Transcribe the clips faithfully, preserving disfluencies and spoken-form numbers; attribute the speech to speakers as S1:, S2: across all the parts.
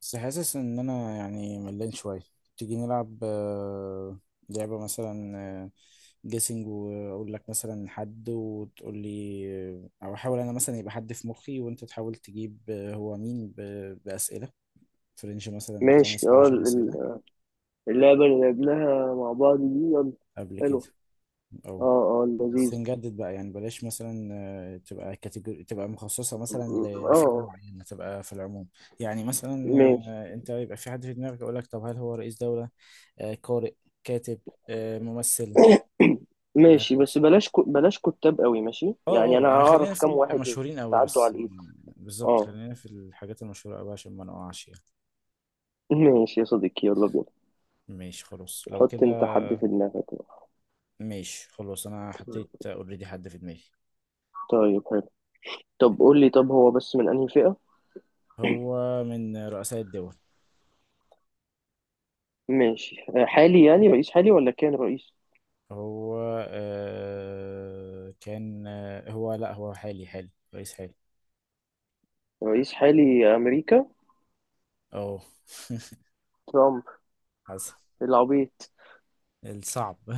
S1: بس حاسس ان انا يعني ملان شويه. تيجي نلعب آه، لعبه مثلا، آه، جيسنج واقول لك مثلا حد وتقول لي آه، او احاول انا مثلا يبقى حد في مخي وانت تحاول تجيب آه، هو مين ب- باسئله فرنش مثلا من
S2: ماشي،
S1: خمس ل
S2: اه.
S1: عشرة
S2: ال-
S1: اسئله
S2: ال- اللعبة اللي لعبناها مع بعض دي، يلا
S1: قبل كده
S2: حلوة.
S1: او
S2: اه، اه،
S1: بس
S2: لذيذة.
S1: نجدد بقى يعني بلاش مثلا، آه، تبقى كاتيجوري تبقى مخصصة مثلا ل- لفئة
S2: اه،
S1: معينة تبقى في العموم. يعني مثلا،
S2: ماشي.
S1: آه، انت يبقى في حد في دماغك يقول لك طب هل هو رئيس دولة، آه، قارئ، كاتب، آه، ممثل
S2: ماشي، بس
S1: وهكذا.
S2: بلاش كو... بلاش كتاب قوي، ماشي يعني
S1: اه
S2: انا
S1: اه يعني خلينا
S2: هعرف
S1: في
S2: كام واحد
S1: المشهورين قوي
S2: يتعدوا على
S1: بس
S2: الايد.
S1: مم، بالظبط
S2: اه.
S1: خلينا في الحاجات المشهورة قوي عشان ما نقعش يعني.
S2: ماشي يا صديقي، يلا بينا.
S1: ماشي خلاص لو
S2: حط
S1: كده.
S2: انت حد في دماغك بقى.
S1: ماشي خلاص انا حطيت اوريدي حد في دماغي.
S2: طيب، حلو. طب قول لي، طب هو بس من انهي فئة؟
S1: هو من رؤساء الدول.
S2: ماشي. آه، حالي يعني، رئيس حالي ولا كان رئيس؟
S1: هو آه كان آه هو لا هو حالي حالي رئيس حالي.
S2: رئيس حالي، امريكا.
S1: اه
S2: ترامب.
S1: حسن
S2: العبيط.
S1: الصعب.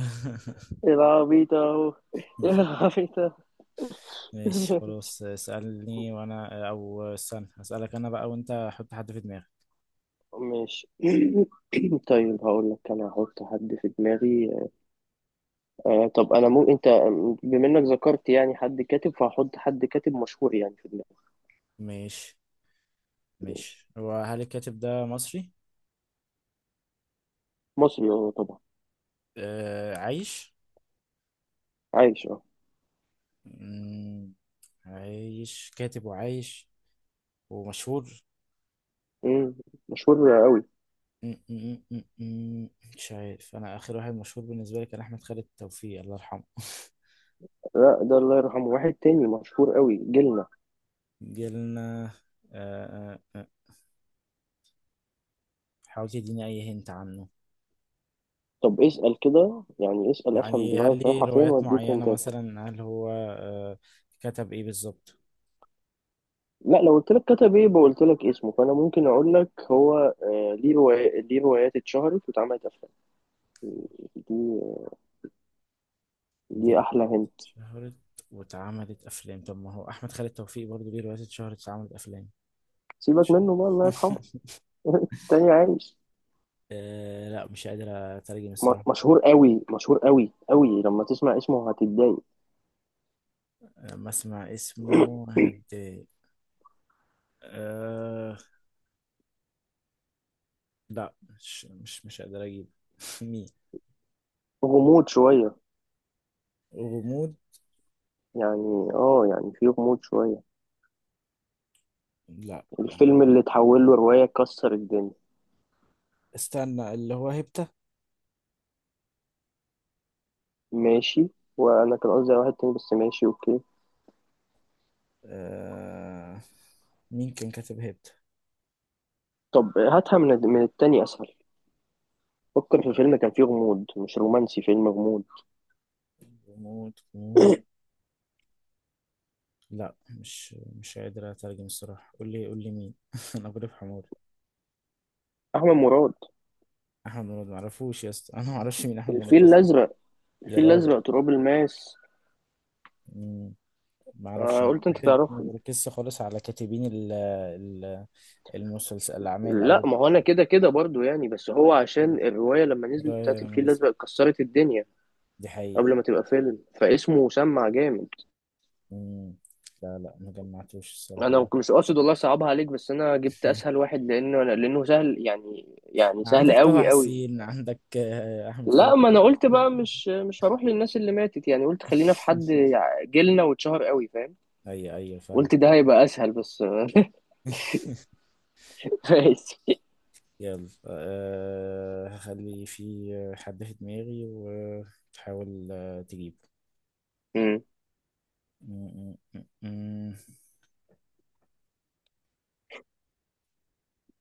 S2: العبيط اهو، العبيط.
S1: ماشي خلاص اسألني وانا او استنى اسألك انا بقى وانت حط حد في دماغك.
S2: ماشي. طيب، هقول لك انا هحط حد في دماغي. آه طب انا مو انت. بما انك ذكرت يعني حد كاتب، فهحط حد كاتب مشهور يعني في دماغي.
S1: ماشي.
S2: ماشي.
S1: ماشي، هو هل الكاتب ده مصري
S2: مصري اه، طبعا.
S1: آه عايش؟
S2: عايش، اه.
S1: مم، عايش كاتب وعايش ومشهور.
S2: مم، مشهور قوي.
S1: مم، مم، مم، مم، مش عارف انا اخر واحد مشهور بالنسبة لي كان احمد خالد توفيق الله يرحمه.
S2: لا، ده الله يرحمه. واحد تاني مشهور قوي جيلنا.
S1: جيلنا آه، آه، آه. حاول تديني أي هنت عنه.
S2: طب اسأل كده يعني، اسأل افهم
S1: يعني هل
S2: دماغك
S1: ليه
S2: رايحة فين،
S1: روايات
S2: واديك
S1: معينة
S2: انت.
S1: مثلا؟ هل هو، آه، كتب إيه بالظبط؟
S2: لا، لو قلت لك كتب ايه بقولت لك اسمه، فانا ممكن اقول لك هو آه ليه روايات ليه روايات اتشهرت واتعملت افلام. دي
S1: دي
S2: دي احلى
S1: روايات
S2: هند.
S1: اتشهرت واتعملت أفلام؟ طب ما هو أحمد خالد توفيق برضه ليه روايات اتشهرت واتعملت أفلام.
S2: سيبك منه بقى، الله يرحمه. تاني، عايش.
S1: آه لا مش قادر أترجم الصراحة.
S2: م- مشهور قوي، مشهور قوي قوي، لما تسمع اسمه هتتضايق.
S1: لما أسمع اسمه هتضايق؟ آه لا مش مش مش قادر أجيب. مين؟
S2: غموض شوية.
S1: غموض.
S2: يعني اه يعني في غموض شوية.
S1: لا ما-
S2: الفيلم اللي اتحول له رواية كسر الدنيا.
S1: استنى، اللي هو هيبتا؟
S2: ماشي. وانا كان قصدي على واحد تاني بس، ماشي، اوكي.
S1: آه مين كان كاتب هيبتا؟
S2: طب هاتها من من التاني اسهل. فكر في فيلم كان فيه غموض، مش رومانسي، فيلم غموض.
S1: غموض غموض. لا مش مش قادر اترجم الصراحه. قول لي قول لي مين؟ انا غريب حموري.
S2: احمد مراد.
S1: احمد مراد؟ معرفوش يا اسطى، انا معرفش مين احمد مراد
S2: الفيل
S1: اصلا.
S2: الازرق،
S1: يا
S2: الفيل
S1: راجل.
S2: الازرق، تراب الماس.
S1: مم، معرفش.
S2: آه
S1: أنا
S2: قلت انت
S1: بحب ما
S2: تعرفه.
S1: بركزش خالص على كاتبين ال ال المسلسل الاعمال
S2: لا،
S1: او
S2: ما هو انا كده كده برضو يعني، بس هو عشان الرواية لما نزلت
S1: رأي
S2: بتاعت الفيل
S1: رمز،
S2: الازرق كسرت الدنيا.
S1: دي حقيقه.
S2: قبل ما تبقى فيلم، فاسمه سمع جامد.
S1: مم. لا لا ما جمعتوش
S2: انا
S1: الصراحه.
S2: مش قاصد والله صعبها عليك، بس انا جبت اسهل واحد لانه لانه سهل، يعني يعني سهل
S1: عندك طه
S2: قوي قوي.
S1: حسين، عندك، آه، احمد خالد.
S2: لا، ما انا قلت بقى مش مش هروح للناس اللي ماتت يعني، قلت خلينا في حد جيلنا واتشهر قوي، فاهم.
S1: ايوه ايوه فاهم.
S2: قلت ده هيبقى اسهل بس. ماشي.
S1: يلا أه هخلي في حد في دماغي وتحاول، آه، تجيبه. م- م- م- م.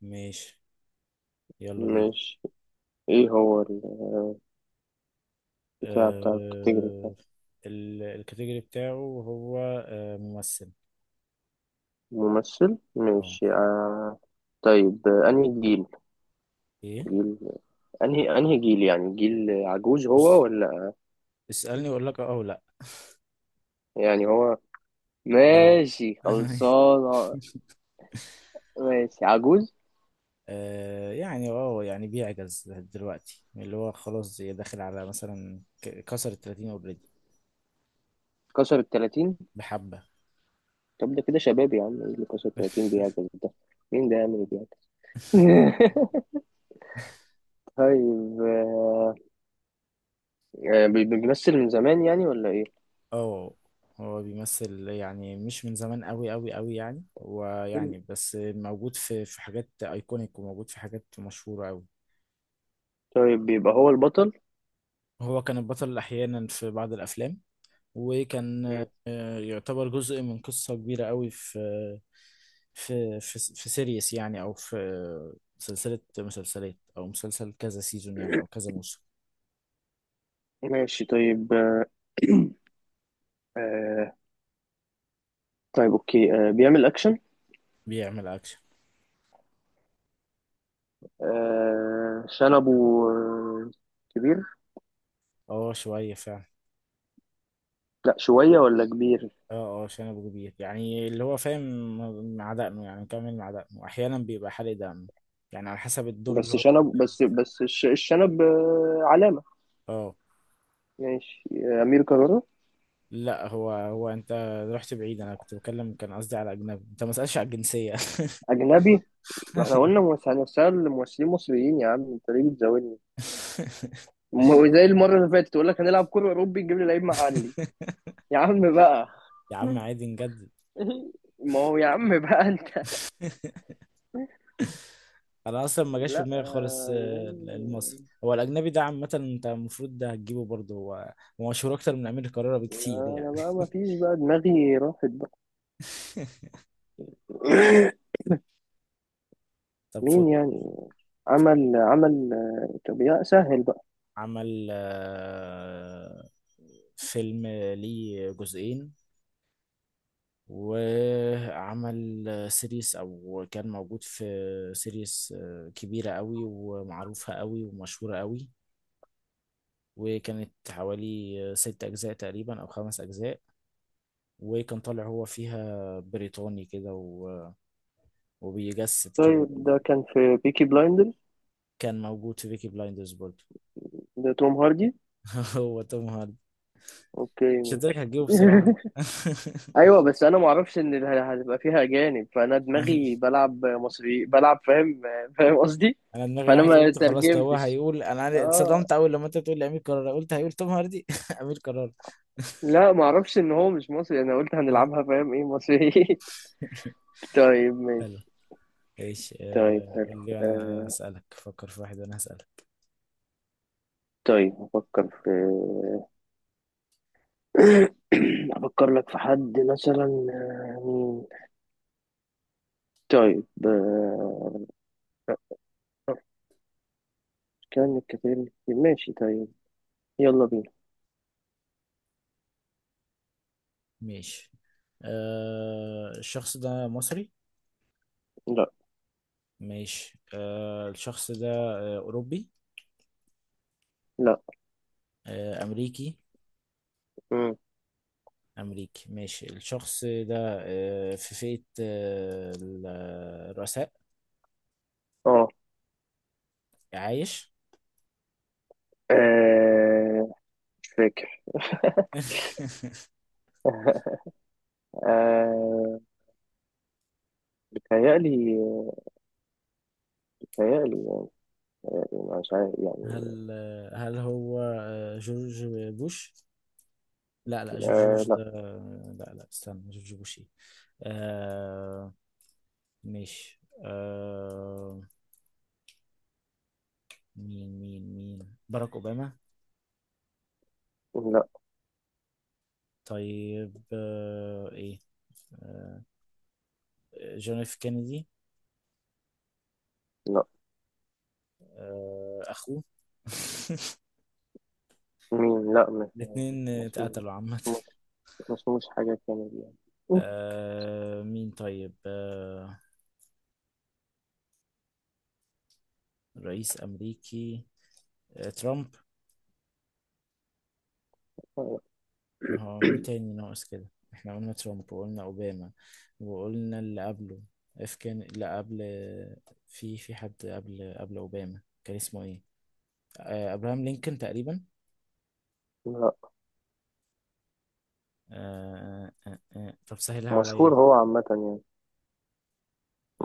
S1: ماشي. يلا بينا.
S2: مش ايه هو البتاع بتاع الكاتيجوري؟
S1: أه، ال- الكاتيجوري بتاعه هو أه ممثل.
S2: ممثل؟
S1: اه.
S2: ماشي آه. طيب، آه، انهي جيل؟
S1: ايه؟
S2: جيل انهي انهي جيل، يعني جيل عجوز هو
S1: بص،
S2: ولا؟
S1: اسألني واقول لك اه او لا.
S2: يعني هو،
S1: لو
S2: ماشي خلصانة. ماشي، عجوز.
S1: أه يعني اه يعني بيعجز دلوقتي، اللي هو خلاص داخل على مثلا ك- كسر ال التلاتين، اوريدي
S2: كسر التلاتين.
S1: بحبة.
S2: طب ده كده شباب يا عم، إيه اللي كسر التلاتين بيعجز ده؟ مين ده يعمل إيه بيعجز؟ طيب، آه، آه، بي- بيمثل من زمان يعني، ولا ايه؟
S1: اه، هو بيمثل يعني مش من زمان قوي قوي قوي يعني، ويعني بس موجود في في حاجات ايكونيك وموجود في حاجات مشهورة قوي.
S2: طيب، بيبقى هو البطل؟
S1: هو كان البطل احيانا في بعض الافلام، وكان،
S2: مم.
S1: آه، يعتبر جزء من قصة كبيرة قوي في في في في سيريس يعني، او في سلسلة مسلسلات، او مسلسل كذا سيزون يعني او كذا موسم.
S2: ماشي، طيب. آه آه، طيب، اوكي، آه بيعمل اكشن؟
S1: بيعمل اكشن.
S2: آه شنبه. آه، كبير؟
S1: اه شوية فعلا.
S2: لا شوية ولا كبير؟
S1: اه اه شنب كبير يعني، اللي هو فاهم مع دقنه يعني، كامل مع دقنه، احيانا بيبقى حالق دقنه يعني على حسب الدور اللي
S2: بس
S1: هو
S2: شنب، بس
S1: بيأديه.
S2: بس الش- الشنب آه، علامة.
S1: اه
S2: ماشي، آه، أمير كرارة.
S1: لا هو هو انت رحت بعيد، انا كنت بتكلم كان قصدي على اجنبي، انت ما سألش على الجنسية.
S2: أجنبي؟ ما احنا قلنا مس- هنسأل ممثلين مصريين يا عم، أنت ليه بتزاولني؟ م- زي المرة اللي فاتت تقول لك هنلعب كورة أوروبي، نجيب لي لعيب محلي. يا عم بقى.
S1: يا عم عادي نجدد.
S2: ما هو يا عم بقى أنت.
S1: انا اصلا ما جاش في
S2: لا،
S1: دماغي خالص،
S2: آه،
S1: آه، المصري
S2: أجنبي.
S1: هو الاجنبي ده عامة انت المفروض ده هتجيبه برضه. هو هو مشهور اكتر من امير كرارة بكتير يعني.
S2: أنا بقى ما فيش بقى، دماغي راحت بقى.
S1: طب
S2: مين
S1: فكر.
S2: يعني؟ عمل عمل آه، طب يا سهل بقى.
S1: عمل، آه، فيلم ليه جزئين، وعمل سيريس، او كان موجود في سيريس، آه، كبيرة قوي ومعروفة قوي ومشهورة قوي، وكانت حوالي ست اجزاء تقريبا او خمس اجزاء، وكان طالع هو فيها بريطاني كده و... وبيجسد
S2: طيب،
S1: كده.
S2: ده كان في بيكي بلايندرز؟
S1: كان موجود في بيكي بلايندرز برضه.
S2: ده توم هاردي؟
S1: هو توم هاردي.
S2: اوكي،
S1: مش هتدرك
S2: ماشي.
S1: هتجيبه بسرعة.
S2: ايوه، بس انا ما اعرفش ان ال- هتبقى فيها اجانب، فانا دماغي بلعب مصري بلعب، فاهم. فاهم قصدي.
S1: انا دماغي
S2: فانا
S1: راحت،
S2: ما
S1: قلت خلاص ده هو
S2: ترجمتش.
S1: هيقول، انا عارف-
S2: اه.
S1: اتصدمت اول لما انت بتقول لي امير كرارة، قلت هيقول توم هاردي. امير كرارة.
S2: لا ما اعرفش ان هو مش مصري، انا قلت هنلعبها فاهم ايه مصري. طيب،
S1: حلو.
S2: ماشي.
S1: ايش،
S2: طيب،
S1: آه،
S2: حلو.
S1: قول لي انا
S2: آه.
S1: اسالك، فكر في واحد وانا هسالك.
S2: طيب افكر في افكر لك في حد مثلا. آه، مين؟ طيب آه، كان الكثير، ماشي، طيب. يلا بينا.
S1: ماشي، آه، الشخص ده مصري؟
S2: لا.
S1: ماشي، آه، الشخص ده، آه، اوروبي؟
S2: لا.
S1: آه، امريكي؟
S2: مم.
S1: امريكي، ماشي. الشخص ده، آه، في فئة، آه، ال- الرؤساء؟
S2: اه.
S1: عايش؟
S2: آه، مش فاكر. آه، بتهيألي بتهيألي يعني، مش عارف يعني.
S1: هل هل هو، آه، جورج بوش؟ لا لا جورج
S2: آه،
S1: بوش
S2: لا.
S1: ده، لا لا استنى جورج بوش ايه؟ آه، ماشي، آه مين مين مين؟ باراك أوباما؟
S2: لا.
S1: طيب آه ايه؟ آه، جون اف كينيدي؟
S2: لا.
S1: آه اخوه.
S2: مين؟ لا، مش.
S1: الاتنين
S2: مسموش،
S1: اتقتلوا عامة.
S2: مسموش، مسموش حاجة كامل يعني.
S1: آه مين طيب؟ آه، رئيس أمريكي، آه ترامب؟
S2: لا،
S1: ما هو مين تاني ناقص كده؟ احنا قلنا ترامب وقلنا اوباما وقلنا اللي قبله، اف كان لا قبل، في في حد قبل قبل اوباما كان اسمه ايه؟ آه ابراهام لينكولن تقريبا؟
S2: لا.
S1: آه آه آه. آه. طب سهلها عليا.
S2: مشهور هو عامة يعني.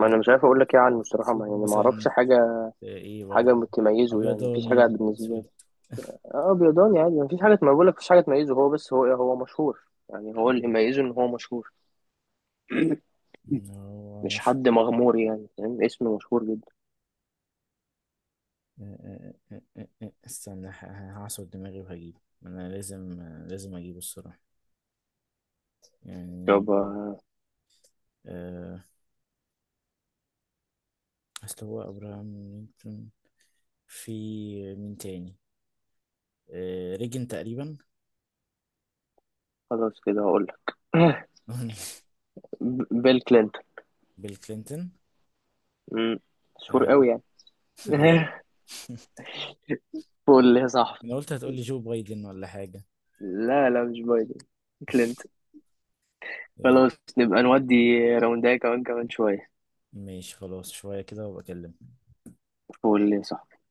S2: ما أنا مش عارف أقول لك إيه عنه
S1: في
S2: الصراحة، ما
S1: فيلم
S2: يعني، ما
S1: مثلا،
S2: أعرفش حاجة.
S1: آه، ايه
S2: حاجة
S1: ولا
S2: تميزه يعني، مفيش حاجة
S1: ابيضاني
S2: بالنسبة لي.
S1: اسود؟
S2: اه، بيضاني عادي، مفيش حاجة، ما بقولك مفيش حاجة تميزه، هو بس هو هو مشهور. يعني هو اللي ميزه إن هو مشهور.
S1: مم. هو
S2: مش
S1: مشهور.
S2: حد مغمور يعني، فاهم، اسمه مشهور جدا.
S1: آه، آه، آه، آه، آه. استنى، ه- ه- هعصر دماغي وهجيبه. انا لازم لازم اجيبه الصراحة يعني.
S2: طب آه،
S1: آه، اصل هو ابراهام لينكولن، في مين تاني، آه، ريجن تقريبا؟
S2: خلاص كده هقولك. ب- بيل كلينتون.
S1: بيل كلينتون؟
S2: مم، مشهور
S1: آه.
S2: قوي يعني.
S1: أيوة.
S2: قول لي يا صاحبي.
S1: انا قلت هتقولي جو بايدن ولا حاجة.
S2: لا، لا، مش بايدن، كلينتون.
S1: إيه،
S2: خلاص، نبقى نودي راونداية كمان، كمان شوية.
S1: ماشي خلاص شوية كده وبكلم.
S2: قول لي يا صاحبي.